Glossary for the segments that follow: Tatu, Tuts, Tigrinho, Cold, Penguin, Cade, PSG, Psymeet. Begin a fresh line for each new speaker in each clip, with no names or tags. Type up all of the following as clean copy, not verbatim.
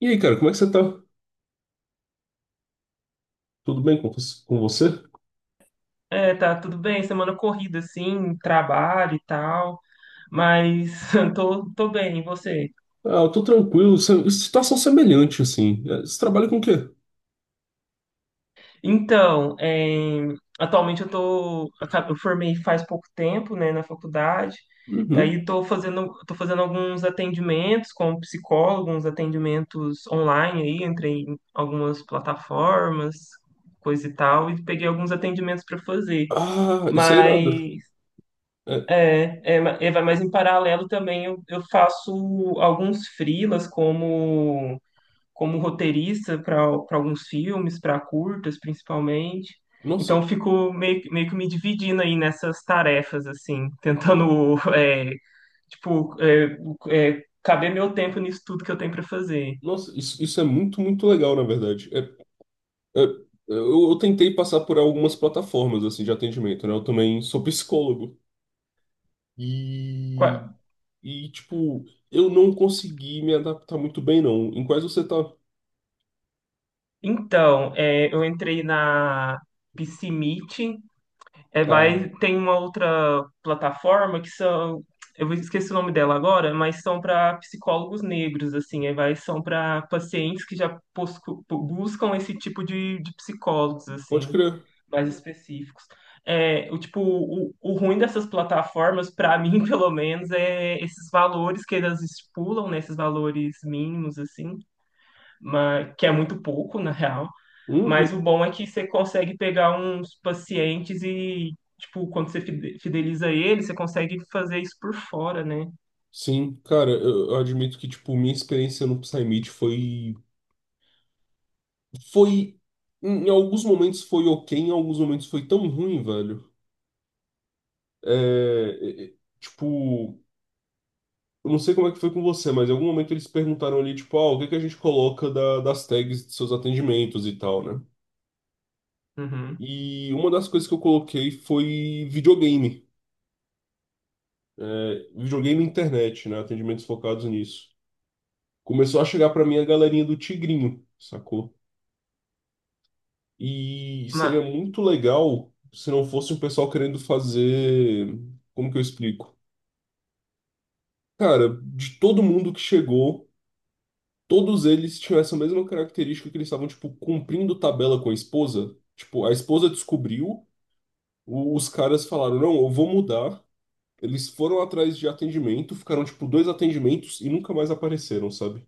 E aí, cara, como é que você tá? Tudo bem com você?
É, tá tudo bem, semana corrida assim, trabalho e tal, mas tô bem, e você?
Ah, eu tô tranquilo. Situação semelhante, assim. Você trabalha com o quê?
Então, é, atualmente eu tô, eu formei faz pouco tempo, né, na faculdade,
Uhum.
daí tô fazendo alguns atendimentos como psicólogo, uns atendimentos online aí, entrei em algumas plataformas, coisa e tal, e peguei alguns atendimentos para fazer.
Ah, isso é irado. É,
Mas em paralelo também eu faço alguns freelas como, como roteirista para alguns filmes, para curtas principalmente.
nossa,
Então eu fico meio, meio que me dividindo aí nessas tarefas, assim, tentando, tipo, é, caber meu tempo nisso tudo que eu tenho para fazer.
isso, isso é muito legal, na verdade. É, eu tentei passar por algumas plataformas, assim, de atendimento, né? Eu também sou psicólogo. E,
Qua-
tipo, eu não consegui me adaptar muito bem, não. Em quais você tá?
Então, é, eu entrei na PCMeet. É,
Ah,
vai, tem uma outra plataforma que são, eu esqueci o nome dela agora, mas são para psicólogos negros, assim, é, vai, são para pacientes que já buscam esse tipo de psicólogos,
pode
assim,
crer.
mais específicos. É, o tipo, o ruim dessas plataformas, para mim, pelo menos, é esses valores que elas estipulam, né, esses valores mínimos, assim, mas, que é muito pouco, na real. Mas
Uhum.
o bom é que você consegue pegar uns pacientes e, tipo, quando você fideliza ele, você consegue fazer isso por fora, né?
Sim, cara, eu admito que, tipo, minha experiência no Psymeet foi, em alguns momentos foi ok, em alguns momentos foi tão ruim, velho. É, é, é, tipo, eu não sei como é que foi com você, mas em algum momento eles perguntaram ali, tipo, ah, o que que a gente coloca das tags de seus atendimentos e tal, né?
Uhum.
E uma das coisas que eu coloquei foi videogame, videogame e internet, né? Atendimentos focados nisso. Começou a chegar pra mim a galerinha do Tigrinho, sacou? E seria
Ma-
muito legal se não fosse um pessoal querendo fazer. Como que eu explico? Cara, de todo mundo que chegou, todos eles tinham essa mesma característica que eles estavam, tipo, cumprindo tabela com a esposa. Tipo, a esposa descobriu, os caras falaram, não, eu vou mudar. Eles foram atrás de atendimento, ficaram, tipo, dois atendimentos e nunca mais apareceram, sabe?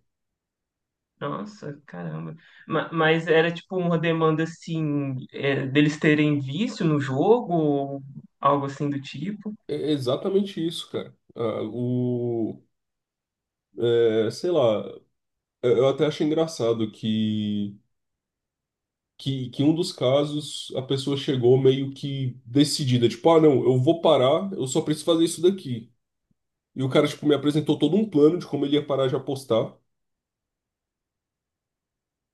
Nossa, caramba. Mas era, tipo, uma demanda, assim, é, deles terem vício no jogo ou algo assim do tipo?
É exatamente isso, cara. Ah, o. Sei lá, eu até achei engraçado que em um dos casos a pessoa chegou meio que decidida, tipo, ah, não, eu vou parar, eu só preciso fazer isso daqui. E o cara, tipo, me apresentou todo um plano de como ele ia parar de apostar.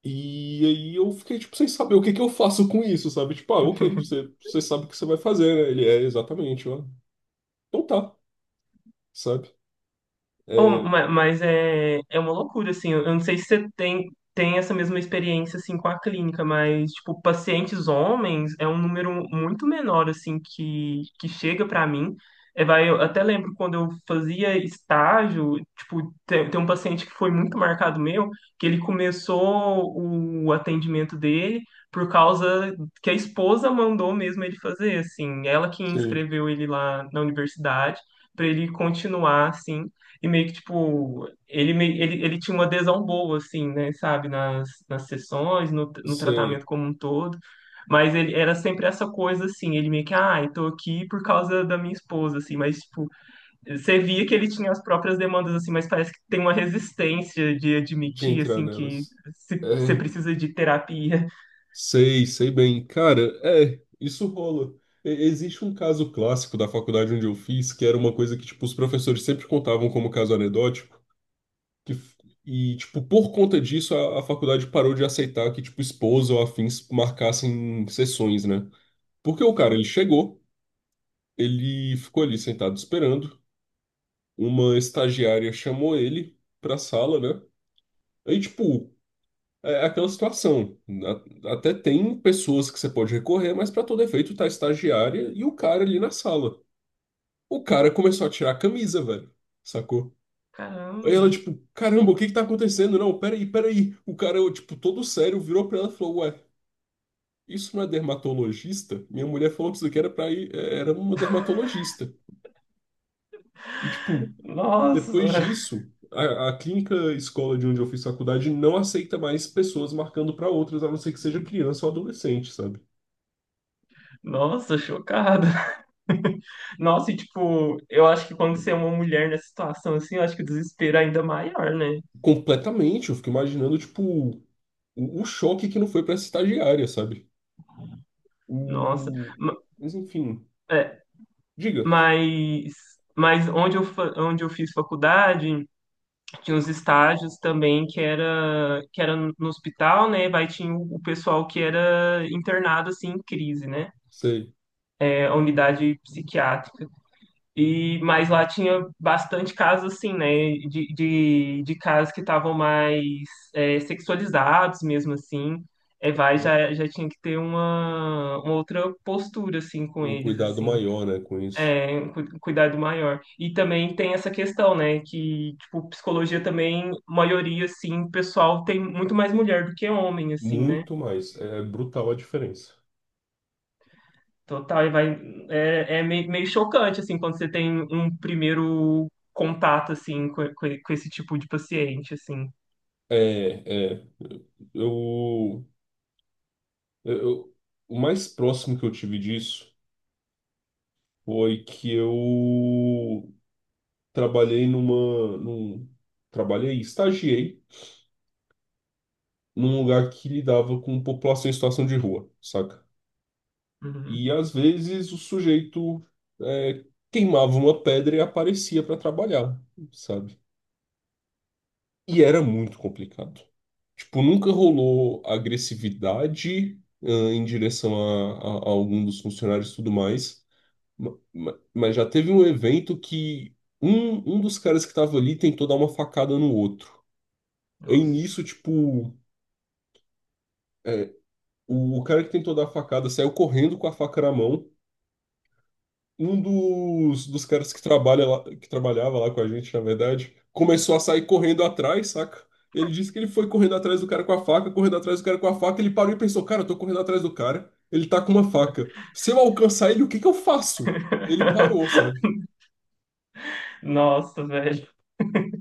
E aí eu fiquei, tipo, sem saber o que que eu faço com isso, sabe? Tipo, ah, ok, você sabe o que você vai fazer, né? Ele é exatamente, ó. Então tá, sabe?
Oh,
É,
mas é, é uma loucura, assim. Eu não sei se você tem, tem essa mesma experiência, assim, com a clínica, mas, tipo, pacientes homens é um número muito menor, assim, que chega pra mim. É, vai, eu até lembro quando eu fazia estágio, tipo, tem, tem um paciente que foi muito marcado meu, que ele começou o atendimento dele por causa que a esposa mandou mesmo ele fazer, assim. Ela que
sim,
inscreveu ele lá na universidade, para ele continuar assim. E meio que, tipo, ele, ele, ele tinha uma adesão boa, assim, né, sabe, nas, nas sessões, no,
eu
no
sei
tratamento como um todo. Mas ele era sempre essa coisa, assim, ele meio que, ah, eu tô aqui por causa da minha esposa, assim, mas, tipo, você via que ele tinha as próprias demandas, assim, mas parece que tem uma resistência de
de
admitir,
entrar
assim, que
nelas.
você
É,
precisa de terapia.
sei, sei bem. Cara, é, isso rola. Existe um caso clássico da faculdade onde eu fiz, que era uma coisa que, tipo, os professores sempre contavam como caso anedótico, que, f- e, tipo, por conta disso, a faculdade parou de aceitar que, tipo, esposa ou afins marcassem sessões, né? Porque o cara, ele chegou, ele ficou ali sentado esperando, uma estagiária chamou ele pra sala, né? Aí, tipo, é é aquela situação. Até tem pessoas que você pode recorrer, mas para todo efeito tá a estagiária e o cara ali na sala. O cara começou a tirar a camisa, velho. Sacou? Aí ela,
Caramba,
tipo, caramba, o que que tá acontecendo? Não, peraí, peraí. O cara, tipo, todo sério, virou pra ela e falou: Ué, isso não é dermatologista? Minha mulher falou que isso aqui era pra ir, era uma dermatologista. E, tipo,
nossa,
depois disso, a clínica escola de onde eu fiz faculdade não aceita mais pessoas marcando pra outras, a não ser que seja criança ou adolescente, sabe?
nossa, chocado. Nossa, e tipo, eu acho que quando você é uma mulher nessa situação assim, eu acho que o desespero é ainda maior, né?
Completamente, eu fico imaginando, tipo, o choque que não foi pra essa estagiária, sabe?
Nossa.
O...
Ma-
Mas enfim, diga,
mas onde onde eu fiz faculdade, tinha uns estágios também que era no hospital, né? Vai, tinha o pessoal que era internado assim em crise, né?
sei,
É, a unidade psiquiátrica. E, mas lá tinha bastante casos assim, né? De casos que estavam mais é, sexualizados mesmo assim. É, vai, já tinha que ter uma outra postura assim com
um
eles,
cuidado
assim,
maior, né, com isso.
é, um cuidado maior. E também tem essa questão, né? Que, tipo, psicologia também, maioria, assim, pessoal tem muito mais mulher do que homem, assim, né?
Muito mais, é brutal a diferença.
Total, e vai. É, é meio, meio chocante, assim, quando você tem um primeiro contato, assim, com esse tipo de paciente, assim.
É, é, eu, eu, o mais próximo que eu tive disso foi que eu trabalhei numa, num, trabalhei, estagiei num lugar que lidava com população em situação de rua, saca? E
Uhum.
às vezes o sujeito é, queimava uma pedra e aparecia para trabalhar, sabe? E era muito complicado. Tipo, nunca rolou agressividade em direção a algum dos funcionários e tudo mais. Mas já teve um evento que um dos caras que tava ali tentou dar uma facada no outro. Aí nisso,
Nossa.
tipo, é, o cara que tentou dar a facada saiu correndo com a faca na mão. Um, dos caras que trabalha lá, que trabalhava lá com a gente, na verdade, começou a sair correndo atrás, saca? Ele disse que ele foi correndo atrás do cara com a faca, correndo atrás do cara com a faca, ele parou e pensou, cara, eu tô correndo atrás do cara, ele tá com uma faca. Se eu alcançar ele, o que que eu faço? Ele parou, sabe?
Nossa, velho.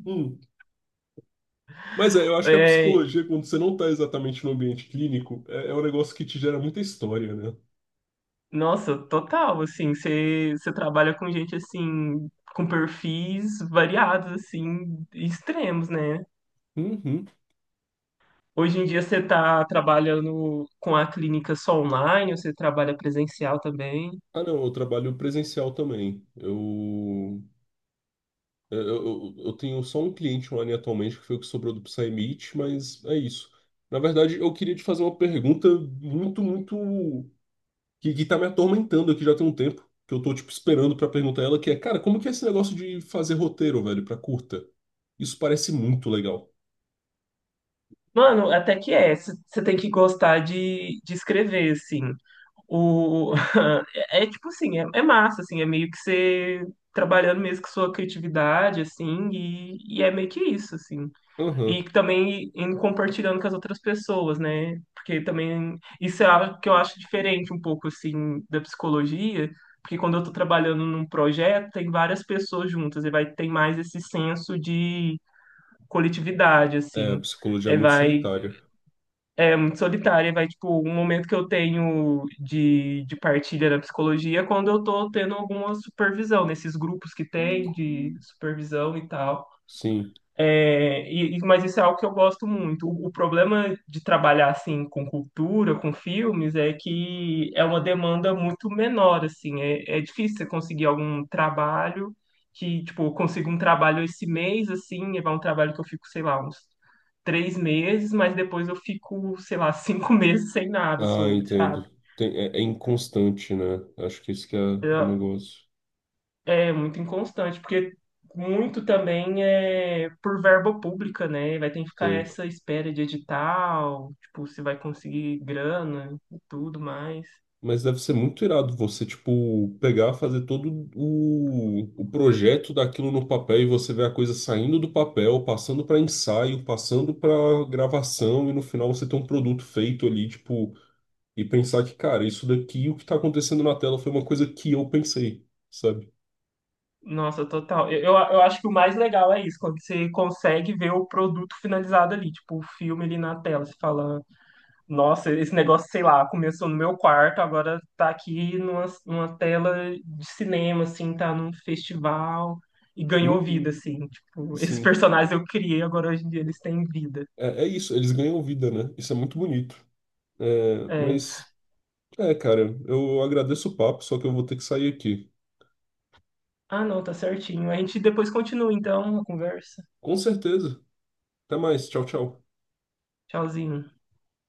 Hum. Mas é, eu acho que a
É,
psicologia, quando você não tá exatamente no ambiente clínico, é um negócio que te gera muita história, né?
nossa, total, assim, você trabalha com gente, assim, com perfis variados, assim, extremos, né?
Uhum.
Hoje em dia você tá trabalhando com a clínica só online, ou você trabalha presencial também?
Ah, não, eu trabalho presencial também. Eu tenho só um cliente online atualmente que foi o que sobrou do Psymeet, mas é isso. Na verdade, eu queria te fazer uma pergunta muito, muito. que tá me atormentando aqui já tem um tempo, que eu tô, tipo, esperando pra perguntar ela, que é, cara, como que é esse negócio de fazer roteiro, velho, pra curta? Isso parece muito legal.
Mano, até que é. Você tem que gostar de escrever, assim. O, é, é tipo assim, é, é massa, assim, é meio que você trabalhando mesmo com sua criatividade, assim, e é meio que isso, assim. E
Aham.
também em compartilhando com as outras pessoas, né? Porque também isso é algo que eu acho diferente um pouco, assim, da psicologia, porque quando eu tô trabalhando num projeto, tem várias pessoas juntas, e vai ter mais esse senso de coletividade,
É, a
assim.
psicologia é
É,
muito
vai,
solitária.
muito solitária, vai, tipo, um momento que eu tenho de partilha na psicologia é quando eu tô tendo alguma supervisão, nesses grupos que tem de supervisão e tal.
Sim.
É, mas isso é algo que eu gosto muito. O problema de trabalhar assim com cultura, com filmes, é que é uma demanda muito menor, assim. É, é difícil você conseguir algum trabalho que, tipo, eu consigo um trabalho esse mês, assim, é um trabalho que eu fico, sei lá, uns três meses, mas depois eu fico, sei lá, cinco meses sem nada
Ah,
sobre, sabe?
entendo. Tem- é, é inconstante, né? Acho que esse que é o negócio.
É muito inconstante, porque muito também é por verba pública, né? Vai ter que ficar
Sei.
essa espera de edital, tipo, se vai conseguir grana e tudo mais.
Mas deve ser muito irado você, tipo, pegar, fazer todo o projeto daquilo no papel e você ver a coisa saindo do papel, passando para ensaio, passando para gravação e no final você ter um produto feito ali, tipo, e pensar que, cara, isso daqui, o que tá acontecendo na tela foi uma coisa que eu pensei, sabe?
Nossa, total. Eu, eu acho que o mais legal é isso, quando você consegue ver o produto finalizado ali, tipo, o filme ali na tela. Você fala, nossa, esse negócio, sei lá, começou no meu quarto, agora tá aqui numa, numa tela de cinema, assim, tá num festival e ganhou vida,
Uhum,
assim. Tipo, esses
sim.
personagens eu criei, agora hoje em dia eles têm vida.
É, é isso, eles ganham vida, né? Isso é muito bonito. É,
É.
mas, é, cara, eu agradeço o papo, só que eu vou ter que sair aqui.
Ah, não, tá certinho. A gente depois continua, então, a conversa.
Com certeza. Até mais. Tchau, tchau.
Tchauzinho.